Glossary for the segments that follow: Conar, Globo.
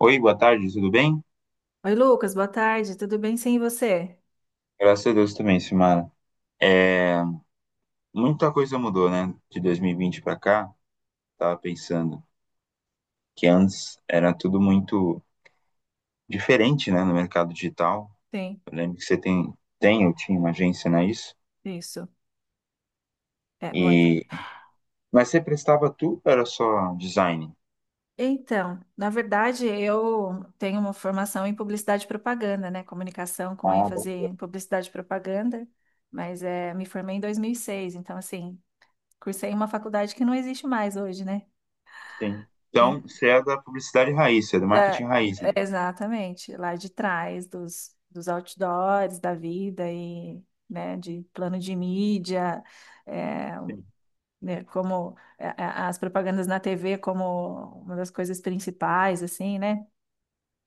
Oi, boa tarde, tudo bem? Oi, Lucas, boa tarde, tudo bem? Sim, e você? Graças a Deus também, Simara. É, Muita coisa mudou, né? De 2020 para cá, tava pensando que antes era tudo muito diferente, né, no mercado digital. Sim, Eu lembro que você tem, eu tinha uma agência, né, isso? isso. É, muito. E, mas você prestava tudo, ou era só design? Então, na verdade, eu tenho uma formação em publicidade e propaganda, né? Comunicação com Ah, bom, ênfase em publicidade e propaganda, mas é, me formei em 2006, então, assim, cursei em uma faculdade que não existe mais hoje, né? sim. Sim. Então, você é da publicidade raiz, você é do Da- marketing raiz, É, né? exatamente, lá de trás dos outdoors da vida e, né, de plano de mídia. eh, Sim. né, como as propagandas na TV como uma das coisas principais, assim, né?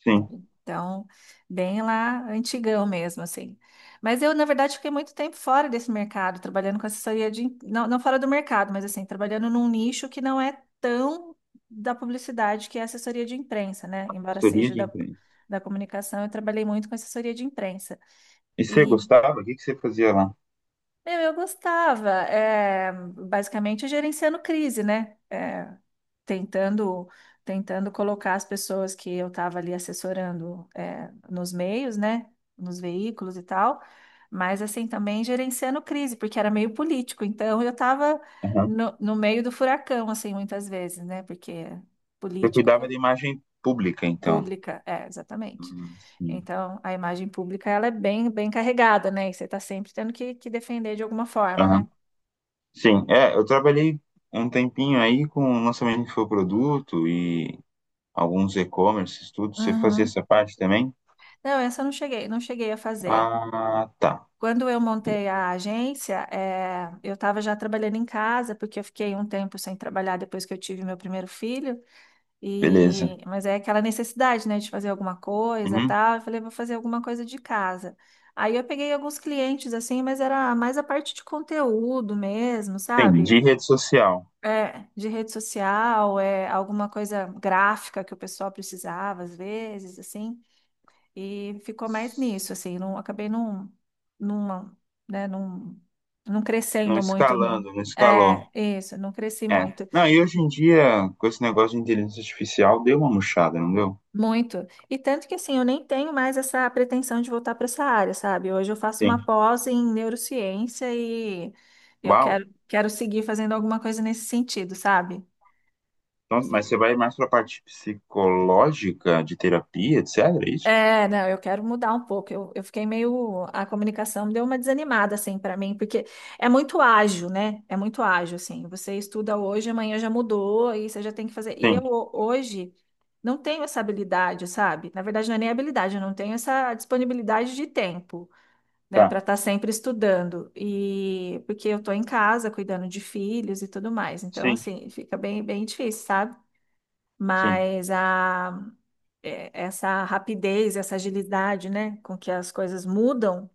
Sim, Então, bem lá antigão mesmo, assim. Mas eu, na verdade, fiquei muito tempo fora desse mercado, trabalhando com assessoria de... Não, não fora do mercado, mas assim, trabalhando num nicho que não é tão da publicidade, que é assessoria de imprensa, né? Embora consultoria seja de da, imprensa. da comunicação, eu trabalhei muito com assessoria de imprensa. E você E, gostava? O que que você fazia lá? meu, eu gostava, é, basicamente, gerenciando crise, né? Tentando, colocar as pessoas que eu estava ali assessorando é, nos meios, né, nos veículos e tal, mas assim também gerenciando crise, porque era meio político, então eu estava Aham. No meio do furacão, assim, muitas vezes, né, porque Você político, cuidava da imagem pública, então. pública, é, exatamente. Uhum, sim. Então, a imagem pública, ela é bem, bem carregada, né? E você está sempre tendo que defender de alguma forma, Aham. né? Sim, é, eu trabalhei um tempinho aí com o lançamento de infoproduto e alguns e-commerces, tudo. Você fazia Uhum. essa parte também? Não, essa eu não cheguei, não cheguei a fazer. Ah, tá. Quando eu montei a agência, eu estava já trabalhando em casa, porque eu fiquei um tempo sem trabalhar depois que eu tive meu primeiro filho. Beleza. E... Mas é aquela necessidade, né, de fazer alguma coisa, e Uhum. tal. Eu falei, vou fazer alguma coisa de casa. Aí eu peguei alguns clientes, assim, mas era mais a parte de conteúdo mesmo, Sim, sabe? de rede social. É, de rede social, é, alguma coisa gráfica que o pessoal precisava, às vezes, assim. E ficou mais nisso, assim, não, acabei não, numa, né, não, não Não crescendo muito no, escalando, não é, escalou. isso, não cresci É. muito, Não, e hoje em dia, com esse negócio de inteligência artificial, deu uma murchada, não deu? muito. E tanto que, assim, eu nem tenho mais essa pretensão de voltar para essa área, sabe? Hoje eu faço uma Sim. pós em neurociência e eu Uau. quero, quero seguir fazendo alguma coisa nesse sentido, sabe? Nossa, mas você vai mais pra parte psicológica, de terapia, etc, é isso? É, não, eu quero mudar um pouco. Eu fiquei meio. A comunicação deu uma desanimada, assim, para mim, porque é muito ágil, né? É muito ágil, assim. Você estuda hoje, amanhã já mudou, e você já tem que fazer. E Sim, eu hoje não tenho essa habilidade, sabe? Na verdade, não é nem habilidade, eu não tenho essa disponibilidade de tempo, né, para tá. estar sempre estudando. E porque eu tô em casa cuidando de filhos e tudo mais. Então, Sim, assim, fica bem, bem difícil, sabe? sim. Mas a é, essa rapidez, essa agilidade, né, com que as coisas mudam,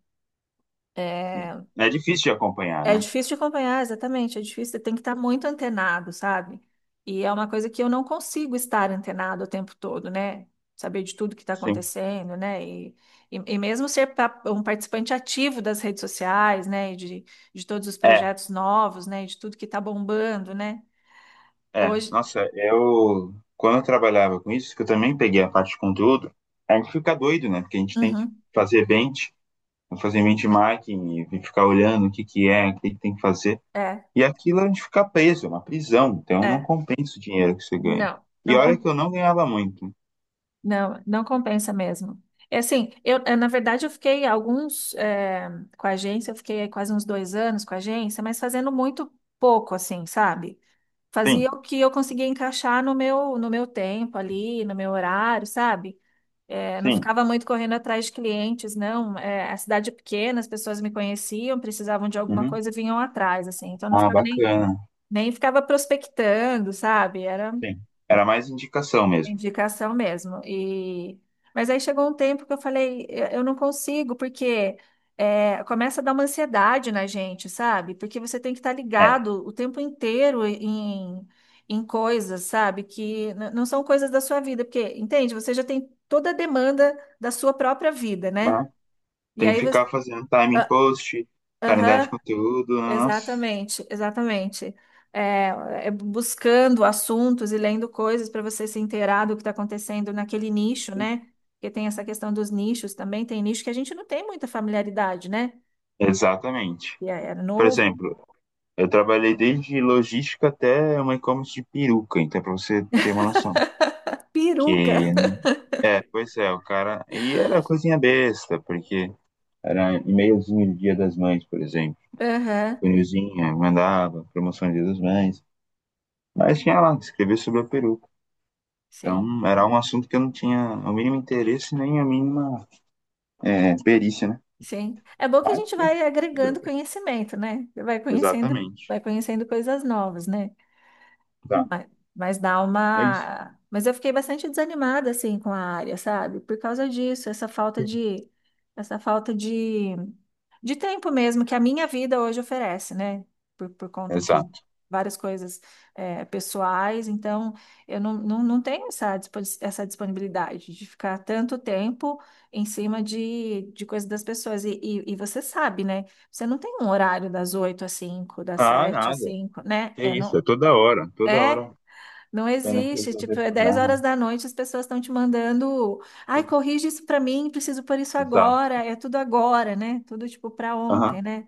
é, É difícil de acompanhar, é né? difícil de acompanhar, exatamente, é difícil, você tem que estar muito antenado, sabe? E é uma coisa que eu não consigo estar antenado o tempo todo, né? Saber de tudo que está Sim. acontecendo, né? E mesmo ser um participante ativo das redes sociais, né? E de todos os É, projetos novos, né? E de tudo que está bombando, né? é. Hoje, Nossa, eu quando eu trabalhava com isso, que eu também peguei a parte de conteúdo, a gente fica doido, né? Porque a gente tem que uhum, fazer bench, fazer benchmarking e ficar olhando o que que é, o que que tem que fazer. é, E aquilo a gente fica preso, é uma prisão. Então não é, compensa o dinheiro que você ganha. não, E não. olha que eu não ganhava muito. Não, não compensa mesmo. É assim, eu, na verdade, eu fiquei alguns, com a agência, eu fiquei aí quase uns dois anos com a agência, mas fazendo muito pouco, assim, sabe? Sim, Fazia o que eu conseguia encaixar no meu, no meu tempo ali, no meu horário, sabe? Não sim. ficava muito correndo atrás de clientes, não. A cidade é pequena, as pessoas me conheciam, precisavam de alguma Uhum. coisa, vinham atrás, assim. Então, não Ah, ficava nem, bacana. nem ficava prospectando, sabe? Era Sim. Era mais indicação mesmo. indicação mesmo. E mas aí chegou um tempo que eu falei, eu não consigo, porque é, começa a dar uma ansiedade na gente, sabe? Porque você tem que estar ligado o tempo inteiro em, em coisas, sabe? Que não são coisas da sua vida, porque, entende? Você já tem toda a demanda da sua própria vida, né? É. E Tem que aí você. ficar fazendo timing Ah, post, calendário de aham, conteúdo, nossa. exatamente, exatamente. É, é buscando assuntos e lendo coisas para você se inteirar do que está acontecendo naquele nicho, né? Porque tem essa questão dos nichos também, tem nicho que a gente não tem muita familiaridade, né? Exatamente. E é, é Por novo. exemplo, eu trabalhei desde logística até uma e-commerce de peruca, então para você ter uma noção. Peruca. Que, é, pois é, o cara. E era coisinha besta, porque era e-mailzinho do Dia das Mães, por exemplo. Aham, Funilzinha, mandava, promoção do Dia das Mães. Mas tinha lá, escrever sobre a peruca. sim, Então era um assunto que eu não tinha o mínimo interesse nem a mínima perícia, né? sim. É bom que a Mas gente tinha vai que fazer. agregando conhecimento, né? Exatamente. Vai conhecendo coisas novas, né? Tá, Mas, mas dá é isso. uma. Mas eu fiquei bastante desanimada assim com a área, sabe? Por causa disso, essa falta de, essa falta de tempo mesmo que a minha vida hoje oferece, né? Por conta de Exato. várias coisas é, pessoais, então eu não, não, não tenho essa, essa disponibilidade de ficar tanto tempo em cima de coisas das pessoas. E você sabe, né? Você não tem um horário das 8 às 5, das Ah, 7 às nada. 5, né? É É, isso, é não, toda hora, toda né? hora. Não Tendo que existe, tipo, resolver é 10 problema. horas da noite, as pessoas estão te mandando, ai, Sim. corrige isso pra mim, preciso por isso Exato. agora, é tudo agora, né? Tudo tipo pra Aham, ontem, né?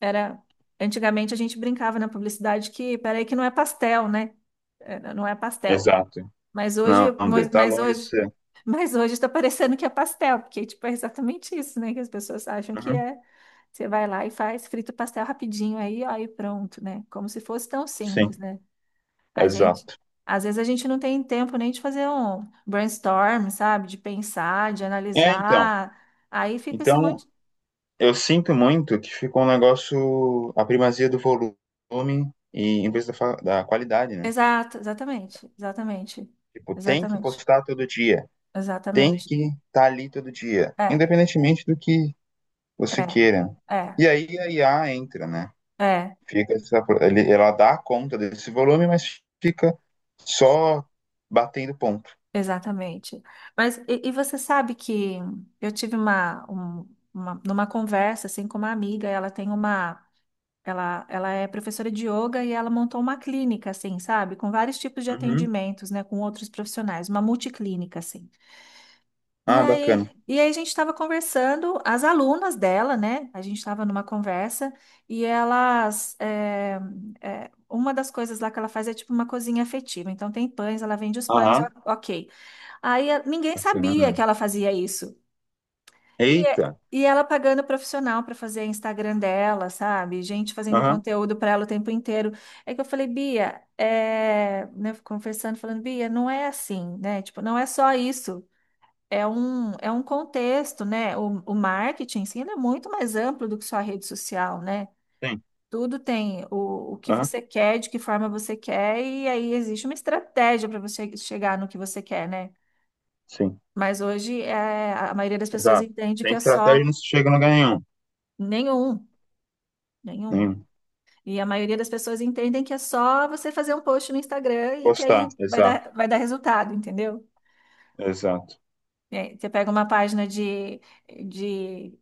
Era, antigamente a gente brincava na publicidade que, peraí, que não é pastel, né? É, não é pastel. exato. Mas hoje, Não, não, Dê, mas tá mas longe de hoje, ser. mas hoje tá parecendo que é pastel, porque tipo é exatamente isso, né? Que as pessoas acham que Uhum, é. Você vai lá e faz, frita o pastel rapidinho aí, ó, e pronto, né? Como se fosse tão simples, sim, né? A gente, exato. às vezes a gente não tem tempo nem de fazer um brainstorm, sabe? De pensar, de É, então. analisar. Aí fica esse Então, monte. eu sinto muito que ficou um negócio, a primazia do volume e em vez da, da qualidade, né? Exato, exatamente, exatamente, Tipo, tem que exatamente, postar todo dia. Tem exatamente. que estar tá ali todo dia, É, independentemente do que você é, queira. é, E aí a IA entra, né? é, Fica essa, ela dá conta desse volume, mas fica só batendo ponto. exatamente. Mas e você sabe que eu tive uma, uma, numa conversa assim com uma amiga, ela tem uma. Ela é professora de yoga e ela montou uma clínica, assim, sabe? Com vários tipos de Uhum. atendimentos, né? Com outros profissionais, uma multiclínica, assim. Ah, bacana. E aí a gente estava conversando, as alunas dela, né? A gente estava numa conversa e elas. É, é, uma das coisas lá que ela faz é tipo uma cozinha afetiva. Então tem pães, ela vende os pães, Aham, ok. Aí ninguém sabia bacana. que ela fazia isso. E, Eita, e ela pagando profissional para fazer Instagram dela, sabe? Gente fazendo aham, conteúdo para ela o tempo inteiro. É que eu falei, Bia, é... né, conversando, falando, Bia, não é assim, né? Tipo, não é só isso. É um contexto, né? O marketing, sim, ele é muito mais amplo do que só a rede social, né? sim, Tudo tem o que aham, você quer, de que forma você quer, e aí existe uma estratégia para você chegar no que você quer, né? sim, Mas hoje é, a maioria das pessoas exato. entende Sem que é só estratégia não se chega a lugar nenhum. nenhum. Nenhum. Nenhum. E a maioria das pessoas entendem que é só você fazer um post no Instagram e que Postar, aí exato, vai dar resultado, entendeu? exato. É, você pega uma página de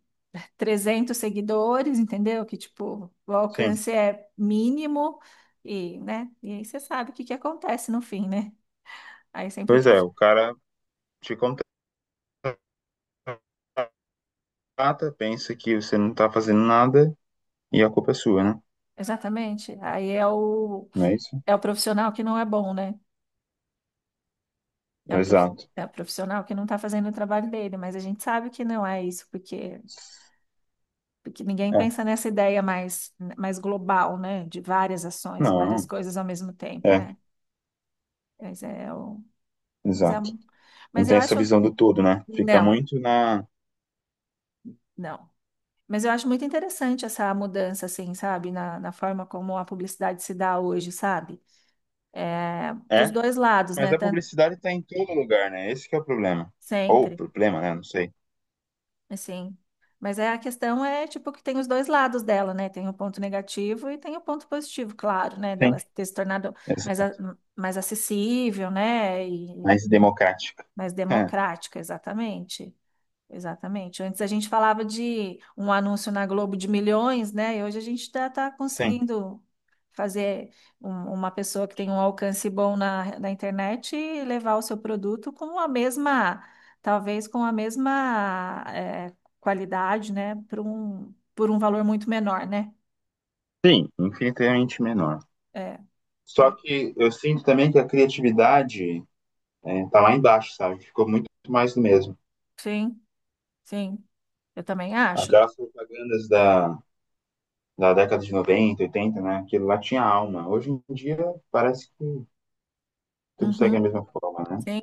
300 seguidores, entendeu? Que, tipo, o Sim. alcance é mínimo e, né? E aí você sabe o que que acontece no fim, né? Aí sempre o Pois é, prof... o cara te contrata, pensa que você não tá fazendo nada e a culpa é sua, né? Exatamente. Aí é o, Não é isso? é o profissional que não é bom, né? É o Exato. é o profissional que não tá fazendo o trabalho dele, mas a gente sabe que não é isso, porque ninguém É, pensa nessa ideia mais, mais global, né? De várias ações e várias não, coisas ao mesmo tempo, é, né? Mas é o, mas é, exato. um, Não mas eu tem essa acho, visão do todo, né? Fica não, muito na. não. Mas eu acho muito interessante essa mudança, assim, sabe? Na, na forma como a publicidade se dá hoje, sabe? É, dos É, dois lados, mas né? a Tanto, publicidade tá em todo lugar, né? Esse que é o problema. Ou o sempre. problema, né? Não sei. Assim. Mas é a questão é tipo que tem os dois lados dela, né? Tem o ponto negativo e tem o ponto positivo, claro, né? Dela Sim, ter se tornado mais, exato. mais acessível, né? E Mais democrática. mais É, democrática, exatamente. Exatamente. Antes a gente falava de um anúncio na Globo de milhões, né? E hoje a gente está sim. conseguindo fazer uma pessoa que tem um alcance bom na, na internet e levar o seu produto com a mesma, talvez com a mesma é, qualidade, né? Por um valor muito menor, né? Sim, infinitamente menor. É, Só é. que eu sinto também que a criatividade tá lá embaixo, sabe? Ficou muito mais do mesmo. Sim, sim. Eu também acho. Aquelas propagandas da, da década de 90 80 né? Aquilo lá tinha alma. Hoje em dia parece que tudo segue a Uhum. mesma forma, né? Sim.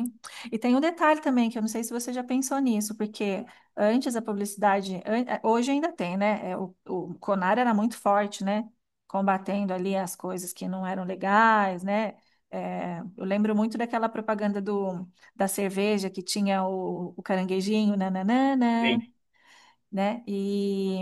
E tem um detalhe também, que eu não sei se você já pensou nisso, porque antes a publicidade, hoje ainda tem, né? É, o Conar era muito forte, né? Combatendo ali as coisas que não eram legais, né? Eu lembro muito daquela propaganda do, da cerveja que tinha o caranguejinho, nananana, Sim. né? E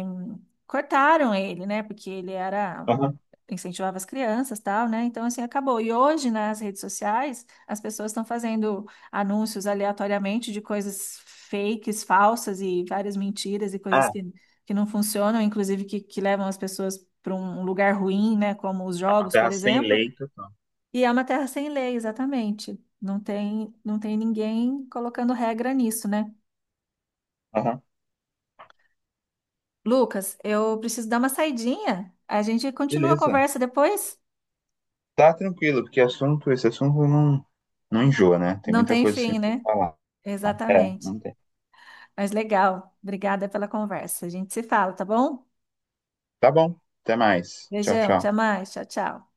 cortaram ele, né? Porque ele era Aham. incentivava as crianças, tal, né? Então, assim, acabou. E hoje, nas redes sociais, as pessoas estão fazendo anúncios aleatoriamente de coisas fakes, falsas e várias mentiras e É, coisas que não funcionam, inclusive que levam as pessoas para um lugar ruim, né? Como os uma jogos, por terra sem exemplo. leito. E é uma terra sem lei, exatamente. Não tem, não tem ninguém colocando regra nisso, né? Aham. Lucas, eu preciso dar uma saidinha. A gente continua a Beleza. conversa depois? Tá tranquilo, porque assunto, esse assunto não, não enjoa, né? Tem Não muita tem coisa fim, sempre né? pra falar. É, não Exatamente. tem. Mas legal. Obrigada pela conversa. A gente se fala, tá bom? Tá bom. Até mais. Tchau, Beijão, até tchau. mais. Tchau, tchau.